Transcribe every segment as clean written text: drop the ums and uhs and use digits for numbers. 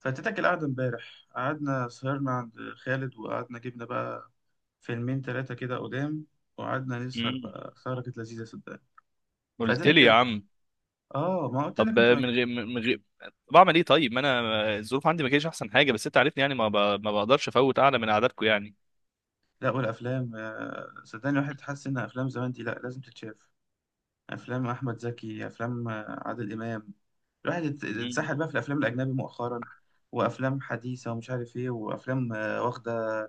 فاتتك القعدة امبارح، قعدنا سهرنا عند خالد وقعدنا جبنا بقى فيلمين تلاتة كده قدام. وقعدنا نسهر مم. بقى، سهرة كانت لذيذة صدقني. قلت لي يا فاتتك، عم. اه ما قلت لك طب انت ما من غير جيتش. من غير بعمل ايه طيب؟ ما انا الظروف عندي ما كانتش احسن حاجه، بس انت عارفني يعني ما بقدرش افوت اعلى من قعداتكم يعني. لا والافلام، صدقني الواحد حاسس ان افلام زمان دي، لا لازم تتشاف. افلام احمد زكي، افلام عادل امام. الواحد مم. اتسحل بقى في الافلام الاجنبي مؤخرا. وافلام حديثة ومش عارف ايه، وافلام واخدة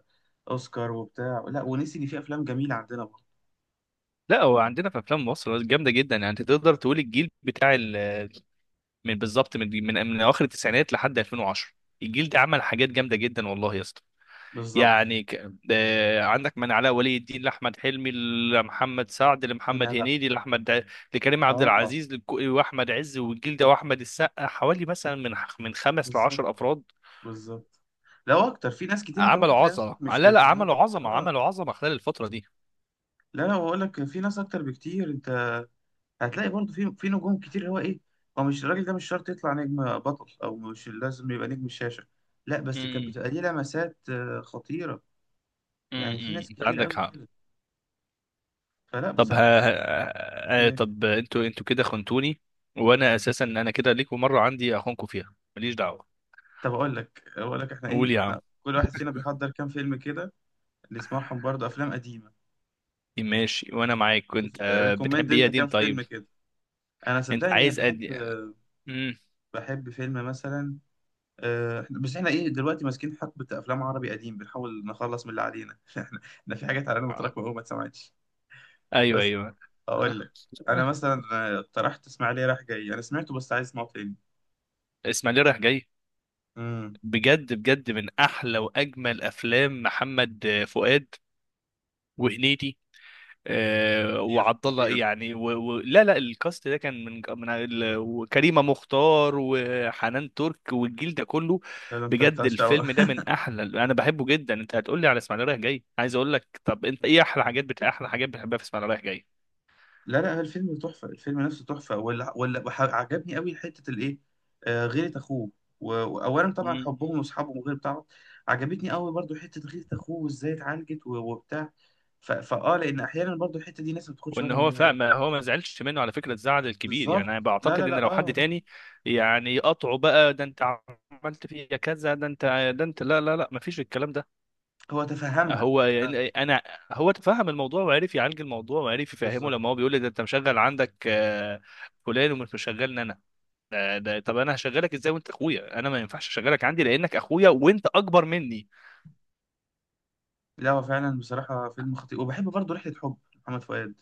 اوسكار وبتاع، لا ونسي ان في افلام جميلة عندنا برضه. لا، هو عندنا في افلام مصر جامده جدا، يعني انت تقدر تقول الجيل بتاع من بالظبط من اواخر التسعينات لحد 2010. الجيل ده عمل حاجات جامده جدا والله يا اسطى. بالظبط. يعني ك... آه، عندك من علاء ولي الدين لاحمد حلمي لمحمد سعد انا لمحمد بقى. هنيدي لكريم عبد اه. العزيز واحمد عز والجلده واحمد السقا، حوالي مثلا من خمس بالظبط. لـ10 افراد. بالظبط. لو اكتر في ناس كتير، انت ممكن عملوا تلاقي نفسك عظمه، مش لا لا، في عملوا دماغك، عظمه اه. عملوا عظمه خلال الفتره دي. لا، لا، بقول لك في ناس اكتر بكتير انت. هتلاقي برضه في نجوم كتير اللي هو ايه. هو مش الراجل ده مش شرط يطلع نجم بطل، او مش لازم يبقى نجم الشاشه. لا بس كانت امم. بتبقى ليه لمسات خطيره. يعني في ناس انت كتير عندك قوي حق. كده. فلا طب ها بصراحه الواحد. ها- آه، إيه. طب انتوا كده خنتوني، وانا اساسا انا كده ليكوا مره عندي اخونكوا فيها، ماليش دعوه. طب اقول لك احنا ايه، قول يا عم. احنا كل واحد فينا بيحضر كام فيلم كده. نسمعهم برضه افلام قديمه. ماشي وانا معاك. كنت ريكومند بتحب ايه يا انت كام قديم؟ طيب، فيلم كده. انا انت صدقني عايز ادي. امم. بحب فيلم مثلا. بس احنا ايه دلوقتي، ماسكين حقبة افلام عربي قديم بنحاول نخلص من اللي علينا احنا. احنا في حاجات علينا متراكمة قوي ما اتسمعتش. ايوه بس. ايوه. آه. اقول لك. انا آه. مثلا اقترحت اسماعيلية رايح جاي، انا سمعته بس عايز اسمعه تاني. اسماعيليه رايح جاي، امم. بجد بجد من احلى واجمل افلام محمد فؤاد وهنيدي خطير، وعبد الله، خطير. يعني لا لا، الكاست ده كان من وكريمه مختار وحنان ترك والجيل ده كله. ده انت بجد بتاع شقة الفيلم ده من احلى، انا بحبه جدا. انت هتقول لي على اسماعيليه رايح جاي، عايز اقول لك طب انت ايه احلى حاجات احلى حاجات بتحبها في اسماعيليه رايح جاي؟ لا، لا، الفيلم تحفة، الفيلم نفسه تحفة، عجبني قوي حتة الإيه. آه، غيرة أخوه. وأولا طبعا حبهم وأصحابهم وغير بتاعه. عجبتني قوي برضو حتة غيرة أخوه وإزاي اتعالجت وبتاع. ف- فأه لأن أحيانا برضو الحتة دي ناس ما بتاخدش وان بالهم هو منها. فاهم، ما هو ما زعلش منه على فكره الزعل الكبير، يعني بالظبط. انا لا، لا، بعتقد ان لا، لو حد أه. تاني يعني يقطعه بقى، ده انت عملت فيا كذا، ده انت، ده انت، لا لا لا، ما فيش الكلام ده. هو تفهمها. هو أنا. يعني انا هو تفهم الموضوع وعرف يعالج الموضوع وعرف يفهمه، بالظبط. لما هو بيقول لي ده انت مشغل عندك فلان ومش مشغلني انا. ده طب انا هشغلك ازاي وانت اخويا؟ انا ما ينفعش اشغلك عندي لانك اخويا وانت اكبر مني. لا هو فعلا بصراحة فيلم خطير، وبحب برضو رحلة حب. محمد فؤاد.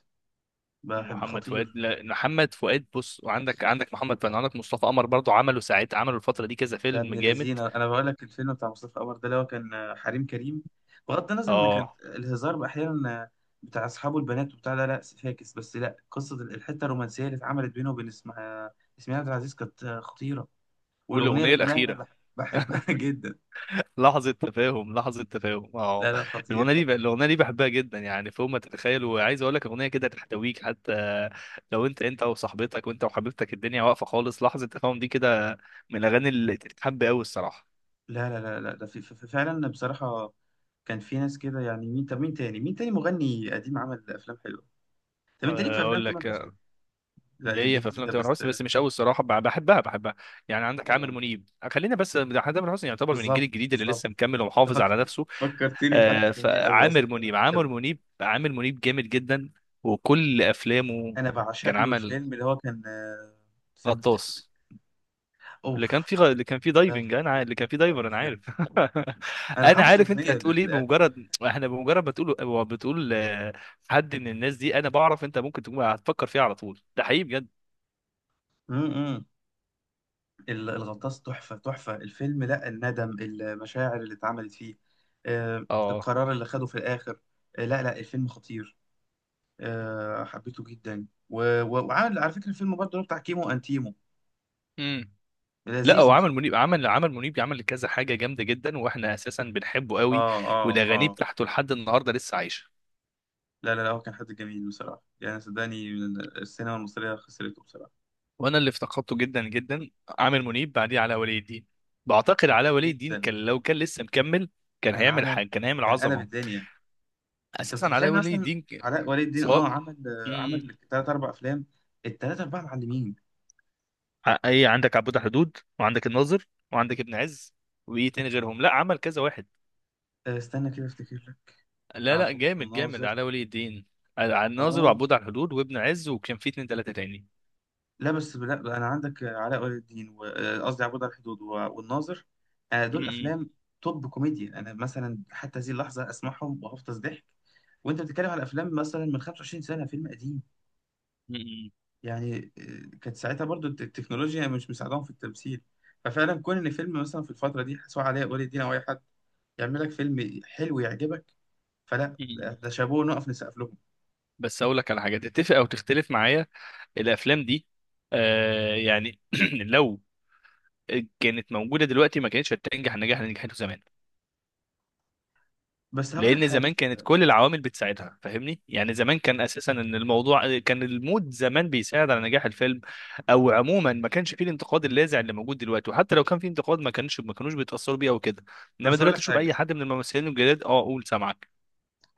بحب محمد فؤاد، خطير. لا محمد فؤاد بص، وعندك محمد فؤاد، عندك مصطفى قمر برضو. عملوا ساعات، عملوا الفترة دي كذا ده فيلم ابن جامد. الذين، انا بقول لك الفيلم بتاع مصطفى قمر، ده اللي هو كان حريم كريم. بغض النظر ان كان اه. الهزار احيانا بتاع اصحابه البنات وبتاع، لا، لا فاكس بس، لا قصه الحته الرومانسيه اللي اتعملت بينه وبين اسمها اسماعيل عبد العزيز، كانت خطيره. والاغنيه والأغنية اللي غناها انا الأخيرة. بحبها جدا. لحظة تفاهم، لحظة تفاهم، اه. لا، لا، خطير، خطير. الأغنية دي بحبها جدا، يعني فوق ما تتخيل، وعايز أقول لك أغنية كده تحتويك. حتى لو أنت وصاحبتك، وأنت وحبيبتك، الدنيا واقفة خالص، لحظة تفاهم دي كده من الأغاني اللي تتحب أوي الصراحة. لا، لا، لا، لا، ده فعلا بصراحه. كان في ناس كده، يعني مين؟ طب مين تاني، مغني قديم عمل افلام حلوه؟ طب انت ليك في افلام أقول لك، تامر حسني؟ لا، دي ليا دي في افلام جديده تامر بس. حسني بس مش قوي الصراحه، بحبها بحبها. يعني عندك عامر آه، منيب، خلينا بس ده تامر حسني يعتبر من الجيل بالظبط، الجديد اللي بالظبط. لسه مكمل ومحافظ فك... على نفسه. فكرتني بحد جميل قوي فعامر اصلا انا منيب، عامر بحبه. منيب، عامر منيب جامد جدا وكل افلامه. انا بعشق كان له عمل الفيلم اللي هو كان استنى افتكر. غطاس، اللي كان اوف. فيه اللي كان فيه ده دايفنج، انا عارف، خطير. اللي كان فيه دايفر، انا خطير. عارف. انا انا حافظ عارف انت الاغنيه اللي هتقول في ايه، الاخر. بمجرد ما تقول بتقول حد من الناس دي انا بعرف، انت ممكن تكون هتفكر فيها على طول، ده حقيقي بجد. امم. الغطاس تحفه، تحفه الفيلم، لا الندم المشاعر اللي اتعملت فيه. اه. القرار اللي خده في الاخر. لا، لا، الفيلم خطير. حبيته جدا وعامل على فكره الفيلم برضه اللي هو بتاع كيمو انتيمو. امم. لا، هو لذيذ مش. عمل منيب، عمل منيب، عمل كذا حاجه جامده جدا، واحنا اساسا بنحبه قوي. اه، اه، والاغاني اه. بتاعته لحد النهارده لسه عايشه، لا، لا، لا، هو كان حد جميل بصراحة، يعني صدقني من السينما المصرية خسرته بصراحة. وانا اللي افتقدته جدا جدا. عامر منيب، بعديه علاء ولي الدين. بعتقد علاء ولي الدين جدا. كان، لو كان لسه مكمل كان كان هيعمل عمل. حاجه، كان هيعمل كان قلب عظمه. الدنيا. انت اساسا علاء بتتخيل ولي مثلا. الدين علاء ولي الدين سواء. مم. عمل ثلاث اربع افلام. الثلاثة اربعة معلمين. ايه، عندك عبود حدود، وعندك الناظر، وعندك ابن عز، وايه تاني غيرهم؟ لا، عمل كذا واحد، استنى كده افتكر لك. لا لا، عبود جامد جامد وناظر. علاء ولي الدين. الناظر اه. وعبود على الحدود وابن عز، وكان في اتنين تلاته لا بس، لا بقى، انا عندك علاء ولي الدين قصدي عبود على الحدود والناظر. دول تاني. افلام توب كوميديا، انا مثلا حتى هذه اللحظة اسمعهم وهفطس ضحك. وانت بتتكلم على افلام مثلا من 25 سنة، فيلم قديم. م- يعني كانت ساعتها برضو التكنولوجيا مش مساعدهم في التمثيل. ففعلا كون ان فيلم مثلا في الفتره دي، سواء علاء ولي الدين او اي حد يعمل لك فيلم حلو يعجبك. فلا، م- ده م. ده شابوه نقف نسقف لهم. بس اقول لك على حاجه تتفق او تختلف معايا، الافلام دي آه يعني لو كانت موجوده دلوقتي، ما كانتش هتنجح النجاح اللي نجحته زمان، بس هقول لك لان حاجه زمان كانت صدقني. كل العوامل بتساعدها، فاهمني؟ يعني زمان كان اساسا ان الموضوع كان المود زمان بيساعد على نجاح الفيلم، او عموما ما كانش فيه الانتقاد اللاذع اللي موجود دلوقتي، وحتى لو كان فيه انتقاد ما كانش ما كانوش بيتاثروا بيه او كده. انما بس هقول لك دلوقتي، شوف حاجه. اي حد من الممثلين الجداد، اه قول سامعك.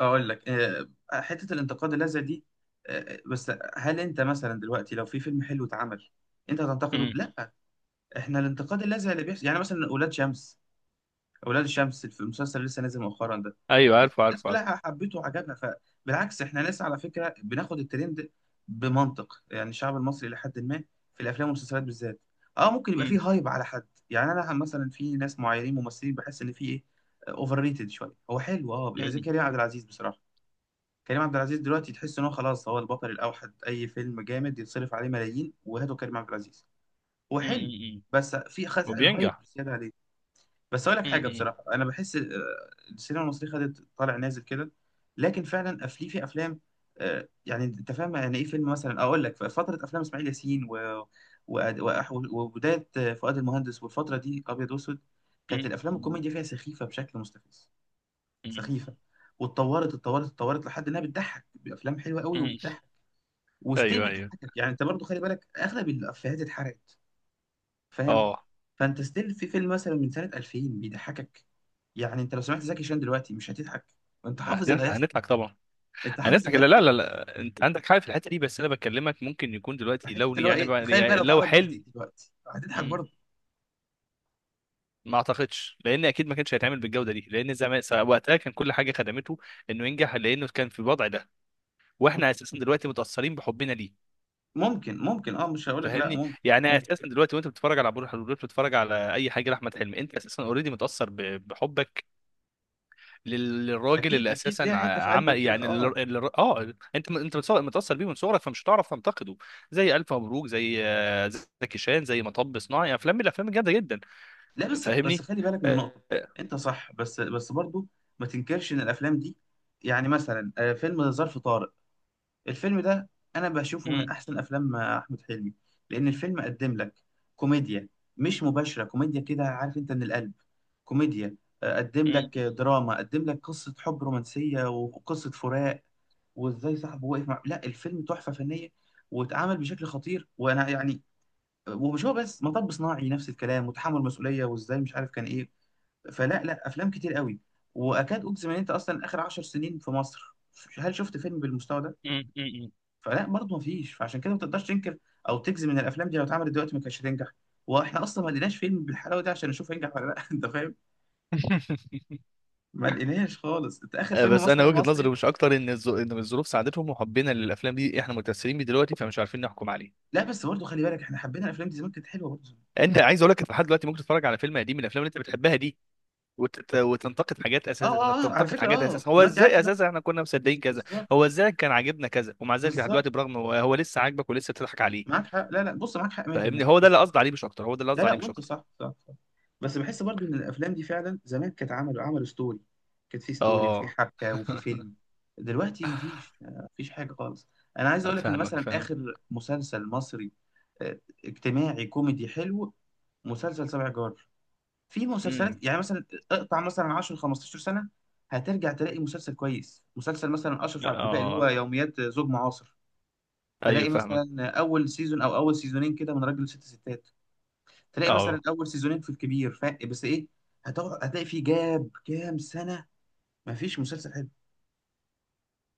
اقول لك حته الانتقاد اللاذع دي، بس هل انت مثلا دلوقتي لو في فيلم حلو اتعمل انت هتنتقده؟ م. لا. احنا الانتقاد اللاذع اللي بيحصل يعني مثلا ولاد شمس، اولاد الشمس في المسلسل اللي لسه نازل مؤخرا ده، ايوه عارفه الناس عارفه عارفه. كلها حبته وعجبها، فبالعكس احنا ناس على فكره بناخد الترند بمنطق، يعني الشعب المصري الى حد ما في الافلام والمسلسلات بالذات، اه ممكن يبقى فيه م- هايب على حد، يعني انا مثلا في ناس معينين ممثلين بحس ان في ايه، اوفر ريتد شويه. هو حلو اه، زي م- كريم عبد العزيز بصراحه. كريم عبد العزيز دلوقتي تحس ان هو خلاص هو البطل الاوحد، اي فيلم جامد يتصرف عليه ملايين وهاتوا كريم عبد العزيز. هو م- حلو، م- م. بس في خد الهايب وبينجح. زياده عليه. بس اقول لك حاجه امم. بصراحه، انا بحس السينما المصريه خدت طالع نازل كده. لكن فعلا افلي في افلام، يعني انت فاهم يعني ايه فيلم مثلا، اقول لك في فتره افلام اسماعيل ياسين و... وبدايه فؤاد المهندس والفتره دي ابيض واسود، كانت الافلام امم. الكوميديا فيها سخيفه بشكل مستفز. امم. سخيفه. واتطورت، اتطورت، اتطورت لحد انها بتضحك بافلام حلوه قوي امم. وبتضحك، وستيل ايوه ايوه بتضحكك. يعني انت برضو خلي بالك اغلب الافيهات اتحرقت، فاهم؟ اه. فانت ستيل في فيلم مثلا من سنه 2000 بيضحكك. يعني انت لو سمعت زكي شان دلوقتي مش هتضحك، وانت حافظ اللي هنضحك هيحصل. هنضحك طبعا. انت حافظ هنضحك، اللي لا لا هيحصل. لا لا. انت عندك حاجه في الحته دي، بس انا بكلمك ممكن يكون في دلوقتي حته لو لي اللي هو يعني, ايه، بقى- تخيل بقى يعني لو لو اتعرض جديد حلم. دلوقتي هتضحك مم. برضه. ما اعتقدش، لان اكيد ما كانش هيتعمل بالجوده دي، لان زمان وقتها كان كل حاجه خدمته انه ينجح، لانه كان في الوضع ده، واحنا اساسا دلوقتي متاثرين بحبنا ليه. ممكن، ممكن، اه مش هقول لك لا، فاهمني؟ ممكن، يعني ممكن. اساسا دلوقتي وانت بتتفرج على عبود الحلول، بتتفرج على اي حاجه لاحمد حلمي، انت اساسا اوريدي متاثر بحبك للراجل اكيد، اللي اكيد، اساسا ليها حته في قلبك عمل كده، يعني اه. انت انت متاثر بيه من صغرك، فمش هتعرف تنتقده. زي الف مبروك، زي زكي شان، زي مطب صناعي، افلام من الافلام الجامده جدا. لا بس، بس، فاهمني. خلي بالك من نقطه. آه، انت صح، بس، بس، برضه ما تنكرش ان الافلام دي، يعني مثلا فيلم ظرف طارق، الفيلم ده، انا بشوفه مم، من احسن افلام احمد حلمي. لان الفيلم قدم لك كوميديا، مش مباشره، كوميديا كده عارف انت من القلب، كوميديا. قدم مم، لك دراما، قدم لك قصه حب رومانسيه وقصه فراق، وازاي صاحبه وقف مع، لا الفيلم تحفه فنيه، واتعمل بشكل خطير، وانا يعني. ومش هو بس، مطب صناعي نفس الكلام وتحمل مسؤوليه وازاي مش عارف كان ايه. فلا، لا، افلام كتير قوي. واكاد اجزم ان انت اصلا اخر 10 سنين في مصر، هل شفت فيلم بالمستوى ده؟ مم، مم، مم. فلا برضه ما فيش، فعشان كده ما تقدرش تنكر او تجزم ان الافلام دي لو اتعملت دلوقتي ما كانتش هتنجح. واحنا اصلا ما لقيناش فيلم بالحلاوه دي عشان نشوف هينجح ولا لا انت فاهم؟ ما لقيناش خالص، انت اخر فيلم بس انا مثلا وجهه نظري مصري. مش اكتر ان الظروف ساعدتهم، وحبنا للافلام دي احنا متاثرين بيه دلوقتي، فمش عارفين نحكم عليه. لا بس برضه خلي بالك، احنا حبينا الافلام دي زمان كانت حلوه برضه. انت عايز اقول لك، لحد دلوقتي ممكن تتفرج على فيلم قديم من الافلام اللي انت بتحبها دي وتنتقد حاجات، اه، اساسا انك اه، اه، على تنتقد فكره حاجات، اه اساسا هو دلوقتي عارف، ازاي لا. اساسا احنا كنا مصدقين كذا، بالظبط، هو ازاي كان عاجبنا كذا، ومع ذلك لحد بالظبط. دلوقتي برغم هو لسه عاجبك ولسه بتضحك عليه. معاك حق، لا، لا، بص معاك حق فاهمني؟ 100% هو ده بس. اللي قصدي عليه مش اكتر، هو ده اللي لا، قصدي لا، عليه مش وانت اكتر. صح، صح، صح. بس بحس برضو ان الافلام دي فعلا زمان، كانت عملوا، عملوا ستوري. كانت في ستوري وفي اه. حبكه وفي فيلم. دلوقتي مفيش، مفيش حاجه خالص. انا عايز اقول لك ان فاهمك مثلا فاهم. اخر مسلسل مصري اجتماعي كوميدي حلو، مسلسل سبع جار. في مسلسلات امم. يعني مثلا اقطع مثلا 10 15 سنه، هترجع تلاقي مسلسل كويس، مسلسل مثلا اشرف عبد الباقي اللي هو اه. يوميات زوج معاصر. ايوه تلاقي فاهمك. مثلا اول سيزون او اول سيزونين كده من راجل ست ستات. تلاقي اه. مثلا اول سيزونين في الكبير، بس ايه، هتقعد هتلاقي في جاب كام سنه، ما فيش مسلسل حلو،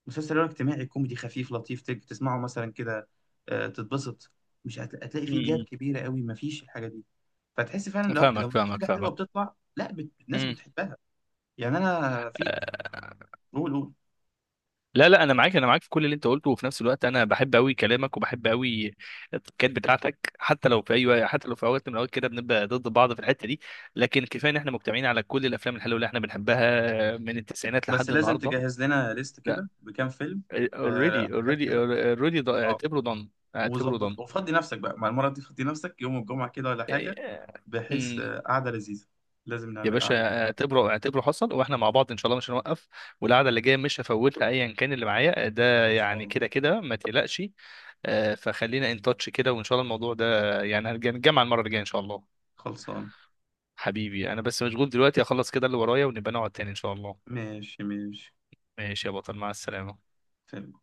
مسلسل اللي هو اجتماعي كوميدي خفيف لطيف، تسمعه مثلا كده، تتبسط. مش هتلاقي في جاب امم. كبيره قوي، ما فيش الحاجه دي. فتحس فعلا لو فاهمك في فاهمك حاجه حلوه فاهمك. بتطلع، لا الناس بتحبها. يعني انا في. امم. قول، قول. لا لا، انا معاك، انا معاك في كل اللي انت قلته، وفي نفس الوقت انا بحب قوي كلامك، وبحب قوي التكات بتاعتك. حتى لو في اوقات من الاوقات كده بنبقى ضد بعض في الحته دي، لكن كفايه ان احنا مجتمعين على كل الافلام الحلوه اللي احنا بنحبها من التسعينات بس لحد لازم النهارده. تجهز لنا ليست لا، كده بكام فيلم. اوريدي حاجات اوريدي كده. اوريدي، آه، اعتبره دون، اعتبره وظبط دون. وفضي نفسك بقى مع المرة دي، فضي نفسك يوم الجمعة كده ولا حاجة، بحيث قعدة لذيذة. لازم يا نعمل قعدة لذيذة. باشا، اعتبره اعتبره حصل، واحنا مع بعض ان شاء الله مش هنوقف. والقعده اللي جايه مش هفوتها، ايا كان اللي معايا ده، يعني خلصانة. كده كده، ما تقلقش. فخلينا ان تاتش كده، وان شاء الله الموضوع ده، يعني هنرجع نتجمع المره الجايه ان شاء الله. خلصانة. حبيبي، انا بس مشغول دلوقتي، اخلص كده اللي ورايا ونبقى نقعد تاني ان شاء الله. ماشي، ماشي. ماشي يا بطل، مع السلامه. سلام.